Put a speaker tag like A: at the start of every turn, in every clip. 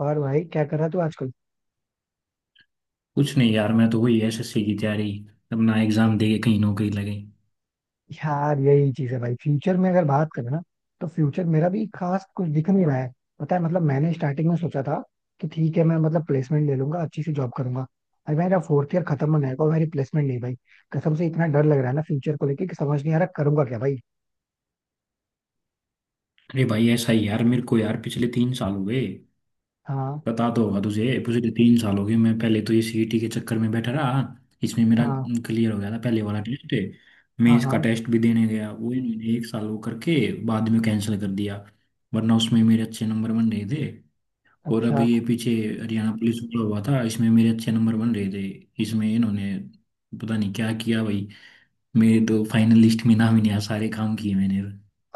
A: और भाई क्या कर रहा तू आजकल।
B: कुछ नहीं यार, मैं तो वही एसएससी की तैयारी, अपना एग्जाम दे के कहीं नौकरी लगे।
A: यार यही चीज है भाई। फ्यूचर में अगर बात करें ना तो फ्यूचर मेरा भी खास कुछ दिख नहीं रहा है। पता है मतलब मैंने स्टार्टिंग में सोचा था कि ठीक है मैं मतलब प्लेसमेंट ले लूंगा, अच्छी सी जॉब करूंगा। अरे मेरा फोर्थ ईयर खत्म होने आएगा और मेरी प्लेसमेंट नहीं भाई। कसम से इतना डर लग रहा है ना फ्यूचर को लेके कि समझ नहीं आ रहा करूंगा क्या भाई।
B: अरे भाई, ऐसा ही यार, मेरे को यार पिछले 3 साल हुए।
A: हाँ।
B: पता तो होगा तुझे, पिछले 3 साल हो गए। मैं पहले तो ये सीईटी के चक्कर में बैठा रहा। इसमें मेरा
A: हाँ
B: क्लियर हो गया था पहले वाला टेस्ट।
A: हाँ।
B: मेंस का
A: हाँ।
B: टेस्ट भी देने गया वो, इन्होंने एक साल वो करके बाद में कैंसिल कर दिया। वरना उसमें मेरे अच्छे नंबर बन रहे थे। और
A: अच्छा।
B: अभी ये पीछे हरियाणा पुलिस वाला हुआ था, इसमें मेरे अच्छे नंबर बन रहे थे। इसमें इन्होंने पता नहीं क्या किया भाई, मेरे तो फाइनल लिस्ट में नाम ही नहीं आया। सारे काम किए मैंने।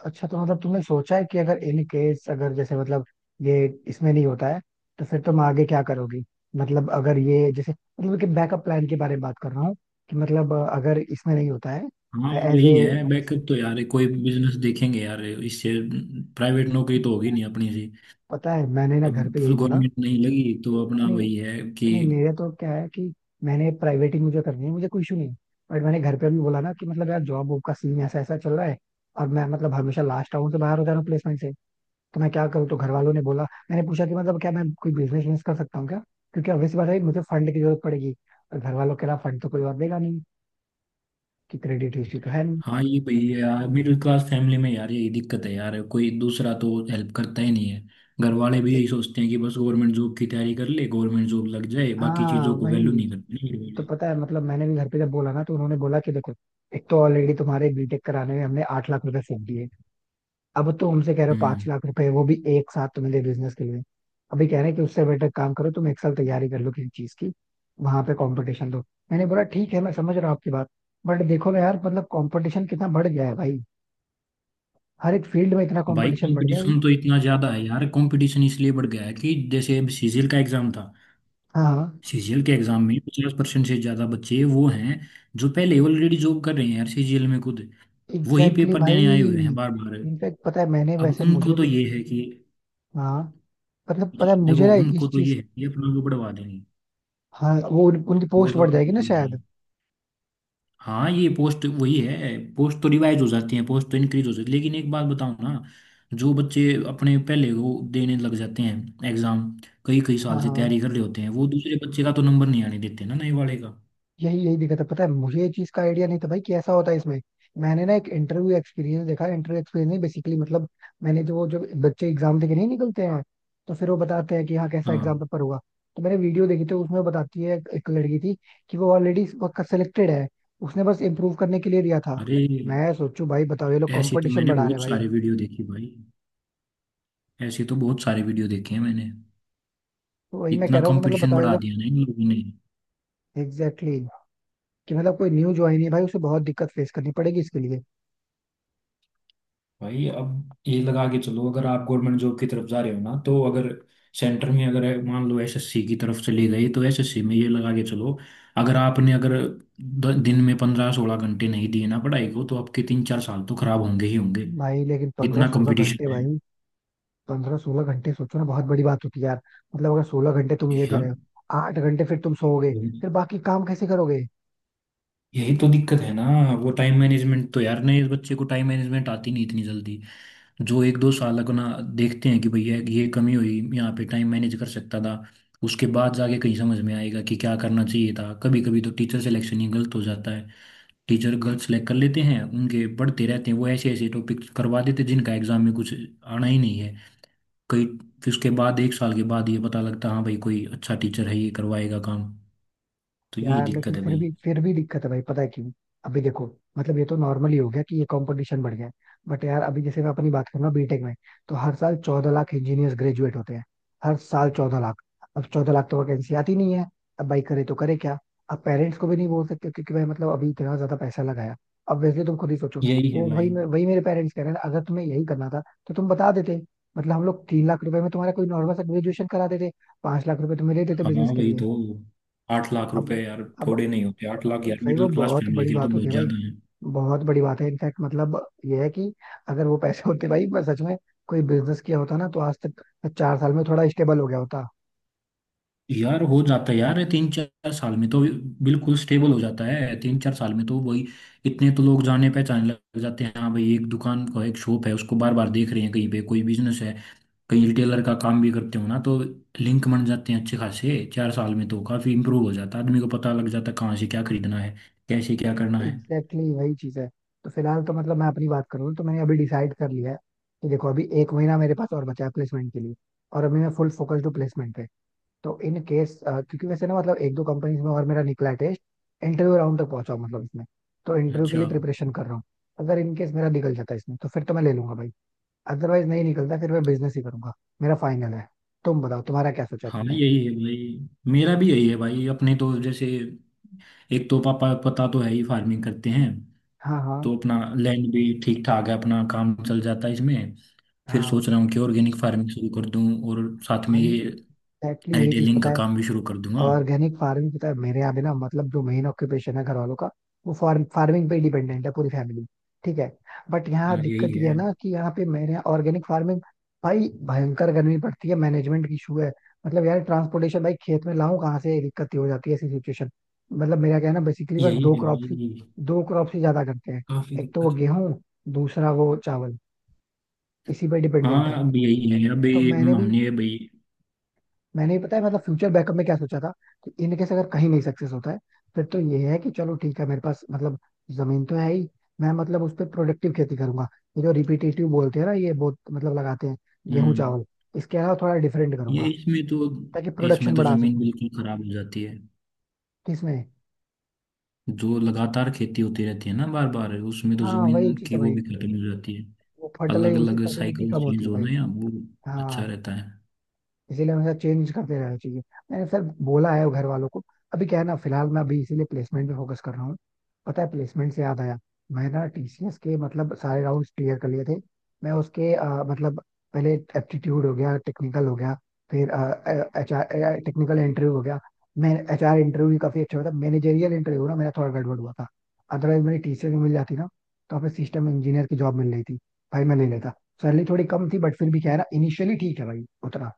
A: अच्छा तो मतलब तुमने सोचा है कि अगर इन केस अगर जैसे मतलब ये इसमें नहीं होता है तो फिर तुम आगे क्या करोगी। मतलब अगर ये जैसे मतलब कि बैकअप प्लान के बारे में बात कर रहा हूँ कि मतलब अगर इसमें नहीं होता है।
B: हाँ
A: एज
B: वही
A: ए।
B: है, बैकअप तो यार कोई बिजनेस देखेंगे यार इससे। प्राइवेट नौकरी तो होगी नहीं अपनी सी।
A: पता है मैंने ना घर
B: अब
A: पे यही बोला।
B: गवर्नमेंट नहीं लगी तो अपना
A: नहीं।
B: वही है कि।
A: नहीं मेरे तो क्या है कि मैंने प्राइवेट ही, मुझे करनी है, मुझे कोई इशू नहीं है। बट मैंने घर पे भी बोला ना कि मतलब यार जॉब वॉब का सीन ऐसा ऐसा चल रहा है और मैं मतलब हमेशा लास्ट आउट से बाहर हो जा रहा हूँ प्लेसमेंट से। तो मैं क्या करूँ, तो घर वालों ने बोला। मैंने पूछा कि मतलब क्या मैं कोई बिजनेस विजनेस कर सकता हूँ क्या, क्योंकि ऑब्वियस बात है मुझे फंड की जरूरत पड़ेगी और घर वालों के अलावा फंड तो कोई और देगा नहीं, कि क्रेडिट हिस्ट्री तो है नहीं।
B: हाँ ये वही है यार, मिडिल क्लास फैमिली में यार यही दिक्कत है यार, कोई दूसरा तो हेल्प करता ही नहीं है। घर वाले भी
A: ए-
B: यही सोचते हैं कि बस गवर्नमेंट जॉब की तैयारी कर ले, गवर्नमेंट जॉब लग जाए, बाकी
A: हाँ
B: चीज़ों को वैल्यू
A: वही।
B: नहीं करते ना घर
A: तो
B: वाले।
A: पता है मतलब मैंने भी घर पे जब बोला ना तो उन्होंने बोला कि देखो, एक तो ऑलरेडी तुम्हारे बीटेक कराने में हमने 8 लाख रुपए फूक दिए, अब तो हमसे कह रहे हो पांच
B: हम्म।
A: लाख रुपए वो भी एक साथ तुम्हें दे बिजनेस के लिए। अभी कह रहे हैं कि उससे बेटर काम करो, तुम एक साल तैयारी कर लो किसी चीज की, वहां पे कंपटीशन दो। मैंने बोला ठीक है, मैं समझ रहा हूँ आपकी बात, बट देखो ना यार, मतलब कंपटीशन कितना बढ़ गया है भाई। हर एक फील्ड में इतना
B: भाई
A: कंपटीशन बढ़ गया है भाई।
B: कंपटीशन तो इतना ज्यादा है यार, कंपटीशन इसलिए बढ़ गया है कि जैसे अब सीजीएल का एग्जाम था।
A: हाँ,
B: सीजीएल के एग्जाम में 50% से ज्यादा बच्चे वो हैं जो पहले ऑलरेडी जॉब कर रहे हैं यार, सीजीएल में खुद वही
A: एग्जैक्टली exactly
B: पेपर देने आए हुए हैं
A: भाई,
B: बार बार।
A: इनफैक्ट पता है मैंने,
B: अब
A: वैसे
B: उनको
A: मुझे
B: तो
A: भी।
B: ये है कि,
A: हाँ। मतलब पता है मुझे
B: देखो
A: ना इस
B: उनको तो ये
A: चीज।
B: है कि अपना को बढ़वा देंगे।
A: हाँ, वो उनकी पोस्ट
B: बोलो
A: बढ़
B: आप
A: जाएगी ना
B: बोलो भाई।
A: शायद।
B: हाँ, ये पोस्ट वही है, पोस्ट तो रिवाइज हो जाती है, पोस्ट तो इंक्रीज हो जाती है, लेकिन एक बात बताओ ना, जो बच्चे अपने पहले वो देने लग जाते हैं एग्जाम, कई कई
A: हाँ
B: साल से
A: हाँ।
B: तैयारी कर रहे होते हैं, वो दूसरे बच्चे का तो नंबर नहीं आने देते ना नए वाले का।
A: यही यही दिक्कत है। पता है मुझे ये चीज का आइडिया नहीं था भाई कि ऐसा होता है इसमें। मैंने ना एक इंटरव्यू एक्सपीरियंस देखा, इंटरव्यू एक्सपीरियंस नहीं, बेसिकली मतलब मैंने जो बच्चे एग्जाम देके नहीं निकलते हैं, तो फिर वो बताते हैं कि हाँ कैसा
B: हाँ।
A: एग्जाम पेपर हुआ। तो मैंने वीडियो देखी थी, उसमें बताती है एक एक लड़की थी कि वो ऑलरेडी सिलेक्टेड है, उसने बस इम्प्रूव करने के लिए दिया था।
B: अरे,
A: मैं सोचू भाई, बताओ ये लोग
B: ऐसे तो
A: कंपटीशन
B: मैंने
A: बढ़ा रहे हैं
B: बहुत
A: भाई।
B: सारे वीडियो देखे भाई, ऐसे तो बहुत सारे वीडियो देखे हैं मैंने।
A: तो वही मैं कह
B: इतना
A: रहा हूँ कि मतलब
B: कंपटीशन
A: बताओ ये
B: बढ़ा
A: लोग।
B: दिया ना इन लोगों ने।
A: एग्जैक्टली exactly, कि मतलब कोई न्यू ज्वाइन है भाई उसे बहुत दिक्कत फेस करनी पड़ेगी इसके लिए।
B: भाई अब ये लगा के चलो, अगर आप गवर्नमेंट जॉब की तरफ जा रहे हो ना, तो अगर सेंटर में अगर मान लो एसएससी की तरफ से ले गए तो एसएससी में ये लगा के चलो, अगर आपने अगर दिन में 15-16 घंटे नहीं दिए ना पढ़ाई को, तो आपके 3-4 साल तो खराब होंगे ही होंगे,
A: भाई लेकिन पंद्रह
B: इतना
A: सोलह
B: कंपटीशन
A: घंटे
B: है।
A: भाई, 15-16 घंटे सोचो ना बहुत बड़ी बात होती है यार। मतलब अगर 16 घंटे तुम ये दे
B: यार,
A: रहे हो, 8 घंटे फिर तुम सोओगे,
B: यही
A: फिर बाकी काम कैसे करोगे।
B: यही तो दिक्कत है ना। वो टाइम मैनेजमेंट तो यार नहीं, इस बच्चे को टाइम मैनेजमेंट आती नहीं इतनी जल्दी, जो 1-2 साल अपना देखते हैं कि भैया ये कमी हुई यहाँ पे, टाइम मैनेज कर सकता था, उसके बाद जाके कहीं समझ में आएगा कि क्या करना चाहिए था। कभी कभी तो टीचर सिलेक्शन ही गलत हो जाता है, टीचर गलत सिलेक्ट कर लेते हैं, उनके पढ़ते रहते हैं वो, ऐसे ऐसे टॉपिक करवा देते हैं जिनका एग्जाम में कुछ आना ही नहीं है। कई, फिर उसके बाद एक साल के बाद ये पता लगता, हाँ भाई कोई अच्छा टीचर है, ये करवाएगा काम। तो यही
A: यार
B: दिक्कत
A: लेकिन
B: है
A: फिर
B: भाई।
A: भी फिर भी दिक्कत है भाई, पता है क्यों। अभी देखो, मतलब ये तो नॉर्मली हो गया कि ये कंपटीशन बढ़ गया है, बट यार अभी जैसे मैं अपनी बात करूँ ना, बीटेक में तो हर साल 14 लाख इंजीनियर्स ग्रेजुएट होते हैं। हर साल चौदह लाख। अब 14 लाख तो वैकेंसी आती नहीं है। अब भाई करे तो करे क्या। अब पेरेंट्स को भी नहीं बोल सकते क्योंकि भाई मतलब अभी इतना ज्यादा पैसा लगाया। अब वैसे तुम खुद ही सोचो।
B: यही है
A: वो
B: भाई।
A: वही मे- वही मेरे पेरेंट्स कह रहे हैं अगर तुम्हें यही करना था तो तुम बता देते। मतलब हम लोग 3 लाख रुपए में तुम्हारा कोई नॉर्मल सा ग्रेजुएशन करा देते, 5 लाख रुपए तुम्हें दे देते
B: हाँ
A: बिजनेस के
B: भाई,
A: लिए।
B: तो आठ लाख
A: अब।
B: रुपए यार
A: अब
B: थोड़े नहीं होते, 8 लाख यार
A: सही, वो
B: मिडिल क्लास
A: बहुत
B: फैमिली
A: बड़ी
B: के लिए तो
A: बात होती
B: बहुत
A: है भाई,
B: ज्यादा।
A: बहुत बड़ी बात है इनफैक्ट। मतलब ये है कि अगर वो पैसे होते भाई, मैं सच में कोई बिजनेस किया होता ना, तो आज तक मैं 4 साल में थोड़ा स्टेबल हो गया होता।
B: यार हो जाता है यार, 3-4 साल में तो बिल्कुल स्टेबल हो जाता है, 3-4 साल में तो वही, इतने तो लोग जाने पहचाने लग जाते हैं, हाँ भाई एक दुकान का, एक शॉप है उसको बार बार देख रहे हैं कहीं पे कोई बिजनेस है, कहीं रिटेलर का काम भी करते हो ना तो लिंक बन जाते हैं अच्छे खासे। 4 साल में तो काफी इंप्रूव हो जाता है, आदमी को पता लग जाता है कहाँ से क्या खरीदना है, कैसे क्या करना है।
A: एग्जैक्टली exactly, वही चीज है। तो फिलहाल तो मतलब मैं अपनी बात करूँ तो मैंने अभी डिसाइड कर लिया है कि देखो, अभी एक महीना मेरे पास और बचा है प्लेसमेंट के लिए, और अभी मैं फुल फोकस्ड हूँ प्लेसमेंट पे। तो इन केस क्योंकि वैसे ना मतलब एक दो कंपनीज में और मेरा निकला है टेस्ट, इंटरव्यू राउंड तक पहुंचा हूं मतलब इसमें, तो इंटरव्यू के लिए
B: अच्छा।
A: प्रिपरेशन कर रहा हूँ। अगर इन केस मेरा निकल जाता है इसमें तो फिर तो मैं ले लूंगा भाई, अदरवाइज नहीं निकलता फिर मैं बिजनेस ही करूंगा। मेरा फाइनल है। तुम बताओ तुम्हारा क्या सोचा है
B: हाँ
A: तुमने।
B: यही है भाई, मेरा भी यही है भाई, अपने तो जैसे एक तो पापा पता तो है ही, फार्मिंग करते हैं,
A: हाँ। हाँ
B: तो अपना लैंड भी ठीक ठाक है, अपना काम चल जाता है इसमें। फिर
A: हाँ
B: सोच रहा हूँ कि ऑर्गेनिक फार्मिंग शुरू कर दूँ और साथ में
A: भाई,
B: ये
A: एग्जैक्टली यही चीज
B: रिटेलिंग
A: पता
B: का
A: है।
B: काम भी शुरू कर दूंगा।
A: ऑर्गेनिक फार्मिंग, पता है मेरे यहाँ भी ना, मतलब जो मेन ऑक्यूपेशन है घर वालों का, वो फार्मिंग पे डिपेंडेंट है पूरी फैमिली। ठीक है। बट यहाँ
B: हाँ यही
A: दिक्कत ये है
B: है।
A: ना कि यहाँ पे मेरे यहाँ ऑर्गेनिक फार्मिंग, भाई भयंकर गर्मी पड़ती है, मैनेजमेंट की इशू है। मतलब यार ट्रांसपोर्टेशन भाई, खेत में लाऊं कहाँ से, ये दिक्कत ही हो जाती है ऐसी सिचुएशन। मतलब मेरा क्या है ना, बेसिकली बस
B: यही
A: दो
B: है
A: क्रॉप ही
B: यही।
A: दो क्रॉप ही ज्यादा करते हैं।
B: काफी
A: एक तो वो
B: दिक्कत।
A: गेहूं, दूसरा वो चावल, इसी पे डिपेंडेंट
B: हाँ
A: है।
B: अब यही है अभी।
A: तो मैंने भी,
B: हमने भाई।
A: मैंने पता है मतलब फ्यूचर बैकअप में क्या सोचा था कि इन केस अगर कहीं नहीं सक्सेस होता है फिर तो ये है कि चलो ठीक है, मेरे पास मतलब जमीन तो है ही, मैं मतलब उस पर प्रोडक्टिव खेती करूंगा। ये जो रिपीटेटिव बोलते हैं ना ये बहुत मतलब लगाते हैं, गेहूं
B: हम्म।
A: चावल, इसके अलावा थोड़ा डिफरेंट
B: ये
A: करूंगा
B: इसमें तो,
A: ताकि
B: इसमें
A: प्रोडक्शन
B: तो
A: बढ़ा
B: जमीन
A: सकूं।
B: बिल्कुल खराब हो जाती है,
A: किसमें।
B: जो लगातार खेती होती रहती है ना बार बार, उसमें तो
A: हाँ वही
B: जमीन
A: चीज
B: की
A: है
B: वो
A: भाई,
B: भी खत्म हो जाती है।
A: वो
B: अलग
A: फर्टिलाइज उसकी
B: अलग
A: फर्टिलिटी
B: साइकिल
A: कम होती
B: चेंज
A: है
B: होना,
A: भाई।
B: या वो अच्छा
A: हाँ।
B: रहता है।
A: इसीलिए हमेशा चेंज करते रहना चाहिए। मैंने सर बोला है घर वालों को। अभी क्या है ना, फिलहाल मैं अभी इसीलिए प्लेसमेंट पे फोकस कर रहा हूँ। पता है, प्लेसमेंट से याद आया, मैं ना टीसीएस के मतलब सारे राउंड्स क्लियर कर लिए थे। मैं उसके मतलब पहले एप्टीट्यूड हो गया, टेक्निकल हो गया, फिर एचआर टेक्निकल इंटरव्यू हो गया। मैं एचआर इंटरव्यू भी काफी अच्छा हुआ था, मैनेजरियल इंटरव्यू ना मेरा थोड़ा गड़बड़ हुआ था। अदरवाइज मेरी टीसीएस में मिल जाती ना। तो हमें सिस्टम इंजीनियर की जॉब मिल रही थी, भाई मैं ले लेता। सैलरी थोड़ी कम थी, बट फिर भी क्या है ना, इनिशियली ठीक है भाई उतना।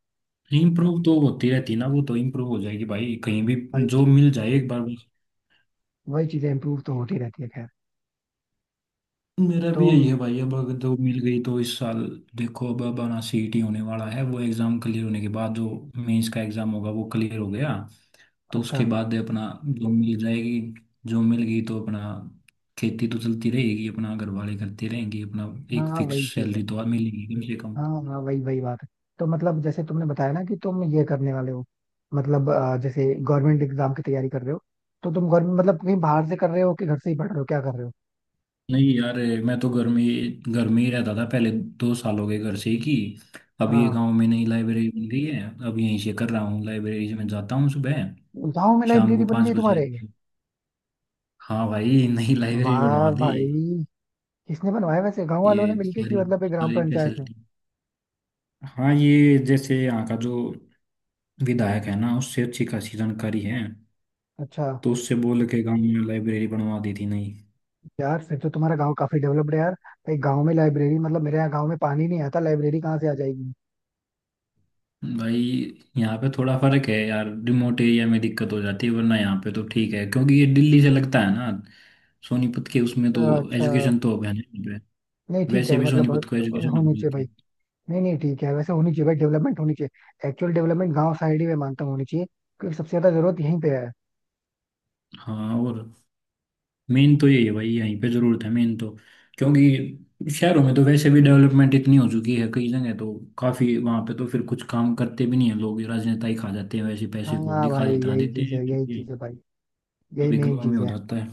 B: इम्प्रूव तो होती रहती है ना, वो तो इम्प्रूव हो जाएगी भाई कहीं भी,
A: वही
B: जो
A: चीज,
B: मिल जाए एक बार बस।
A: वही चीजें इम्प्रूव तो होती रहती है, खैर।
B: मेरा
A: तो
B: भी यही है भाई, अब अगर जो मिल गई तो इस साल। देखो अब आना सीईटी होने वाला है, वो एग्जाम क्लियर होने के बाद जो मेंस का एग्जाम होगा वो क्लियर हो गया, तो
A: अच्छा।
B: उसके बाद अपना जो मिल जाएगी, जो मिल गई तो अपना, खेती तो चलती रहेगी अपना, घर वाले करते रहेंगे अपना।
A: हाँ
B: एक
A: हाँ,
B: फिक्स
A: वही चीज
B: सैलरी
A: है।
B: तो मिलेगी कम से कम।
A: हाँ हाँ, वही वही बात है। तो मतलब जैसे तुमने बताया ना कि तुम ये करने वाले हो, मतलब जैसे गवर्नमेंट एग्जाम की तैयारी कर रहे हो, तो तुम गवर्नमेंट मतलब कहीं बाहर से कर रहे हो कि घर से ही पढ़ रहे हो, क्या कर रहे हो।
B: नहीं यार ये, मैं तो घर में ही रहता था पहले। 2 साल हो गए घर से ही की। अब ये
A: हाँ।
B: गांव में नई लाइब्रेरी बन गई है, अब यहीं से कर रहा हूँ, लाइब्रेरी से मैं जाता हूँ सुबह,
A: गाँव में
B: शाम
A: लाइब्रेरी
B: को
A: बन
B: पाँच
A: गई
B: बजे
A: तुम्हारे।
B: आता हूँ। हाँ भाई नई लाइब्रेरी
A: वाह
B: बनवा दी।
A: भाई। किसने बनवाया वैसे, गांव
B: ये
A: वालों ने मिलके कि
B: सारी
A: मतलब एक ग्राम
B: सारी
A: पंचायत में।
B: फैसिलिटी। हाँ ये जैसे यहाँ का जो विधायक है ना, उससे अच्छी खासी जानकारी है,
A: अच्छा।
B: तो उससे बोल के गांव में लाइब्रेरी बनवा दी थी नई।
A: यार फिर तो तुम्हारा गांव काफी डेवलप्ड है यार। भाई गांव में लाइब्रेरी, मतलब मेरे यहाँ गांव में पानी नहीं आता, लाइब्रेरी कहाँ से आ जाएगी।
B: भाई यहाँ पे थोड़ा फर्क है यार, रिमोट एरिया में दिक्कत हो जाती है, वरना यहाँ पे तो ठीक है, क्योंकि ये दिल्ली से लगता है ना, सोनीपत के उसमें
A: अच्छा
B: तो
A: अच्छा।
B: एजुकेशन तो अब है नहीं
A: नहीं
B: पे।
A: ठीक है
B: वैसे
A: यार,
B: भी
A: मतलब
B: सोनीपत को एजुकेशन अब
A: होनी चाहिए
B: मिलती
A: भाई।
B: है।
A: नहीं नहीं ठीक है, वैसे होनी चाहिए भाई, डेवलपमेंट होनी चाहिए, एक्चुअल डेवलपमेंट गांव साइड ही मैं मानता हूँ होनी चाहिए, क्योंकि सबसे ज्यादा जरूरत यहीं पे है।
B: हाँ, और मेन तो यही है भाई, यहीं पे जरूरत है मेन तो। क्योंकि शहरों में तो वैसे भी डेवलपमेंट इतनी हो चुकी है, कई जगह तो काफी, वहां पे तो फिर कुछ काम करते भी नहीं है लोग, राजनेता ही खा जाते हैं, वैसे पैसे को
A: हाँ
B: दिखा
A: भाई
B: इतना
A: यही
B: देते
A: चीज
B: हैं
A: है,
B: फिर
A: यही
B: ये।
A: चीज है भाई, यही
B: अभी
A: मेन
B: गाँव में
A: चीज
B: हो
A: है।
B: जाता है।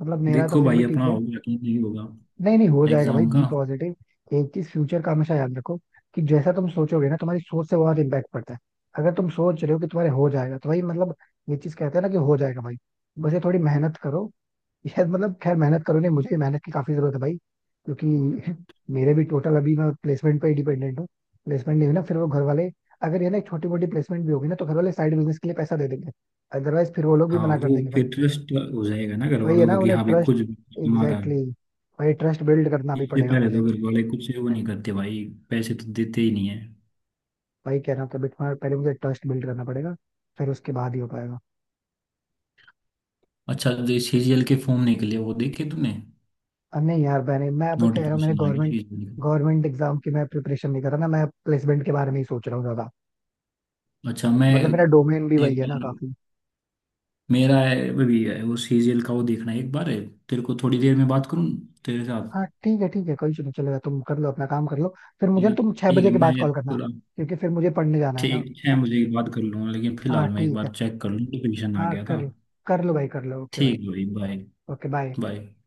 A: मतलब मेरा तो
B: देखो
A: फिर
B: भाई,
A: भी ठीक
B: अपना
A: है।
B: होगा कि नहीं होगा
A: नहीं नहीं, हो जाएगा भाई,
B: एग्जाम का।
A: Be positive. एक चीज फ्यूचर का हमेशा याद रखो कि जैसा तुम सोचोगे ना, तुम्हारी सोच से बहुत इम्पैक्ट पड़ता है। अगर तुम सोच रहे हो कि तुम्हारे हो जाएगा तो भाई मतलब, ये चीज कहते हैं ना कि हो जाएगा भाई, बस ये थोड़ी मेहनत करो। यार मतलब खैर मेहनत करो, नहीं मुझे भी मेहनत की काफी जरूरत है भाई, क्योंकि मेरे भी टोटल अभी मैं प्लेसमेंट पे ही डिपेंडेंट हूँ। प्लेसमेंट नहीं हुई ना फिर वो घर वाले, अगर ये ना एक छोटी मोटी प्लेसमेंट भी होगी ना तो घर वाले साइड बिजनेस के लिए पैसा दे देंगे, अदरवाइज फिर वो लोग भी
B: हाँ,
A: मना कर
B: वो
A: देंगे भाई।
B: फिर ट्रस्ट हो जाएगा ना घर
A: वही है
B: वालों
A: ना
B: का कि
A: उन्हें
B: हाँ भाई
A: ट्रस्ट।
B: खुद कमा रहा है।
A: एग्जैक्टली exactly, भाई ट्रस्ट बिल्ड करना भी
B: इससे
A: पड़ेगा
B: पहले
A: मुझे।
B: तो घर वाले कुछ वो नहीं करते भाई, पैसे तो देते ही नहीं है।
A: वही कह रहा हूँ कि पहले मुझे ट्रस्ट बिल्ड करना पड़ेगा, फिर उसके बाद ही हो पाएगा।
B: अच्छा, जो सीरियल के फॉर्म निकले वो देखे तुमने?
A: अब नहीं यार, मैंने, मैं अभी कह रहा हूँ मैंने
B: नोटिफिकेशन आ गया
A: गवर्नमेंट,
B: सीरियल का।
A: गवर्नमेंट एग्जाम की मैं प्रिपरेशन नहीं कर रहा ना, मैं प्लेसमेंट के बारे में ही सोच रहा हूँ ज्यादा।
B: अच्छा, मैं
A: मतलब मेरा डोमेन भी वही
B: एक
A: है ना
B: बार,
A: काफी।
B: मेरा है, वो भी है वो सीरियल का, वो देखना है एक बार है, तेरे को थोड़ी देर में बात करूँ तेरे साथ।
A: हाँ ठीक है ठीक है, कोई इशू नहीं, चलेगा तुम कर लो, अपना काम कर लो, फिर मुझे ना
B: ठीक
A: तुम 6 बजे
B: है,
A: के
B: मैं
A: बाद कॉल करना,
B: थोड़ा,
A: क्योंकि फिर मुझे पढ़ने जाना है ना।
B: ठीक 6 बजे की बात कर लूँगा, लेकिन
A: हाँ
B: फिलहाल मैं एक
A: ठीक है।
B: बार चेक कर लूँ, नोटिफिकेशन आ
A: हाँ
B: गया था।
A: कर कर लो भाई, कर लो, ओके भाई।
B: ठीक है भाई, बाय।
A: Okay bye.
B: बाय।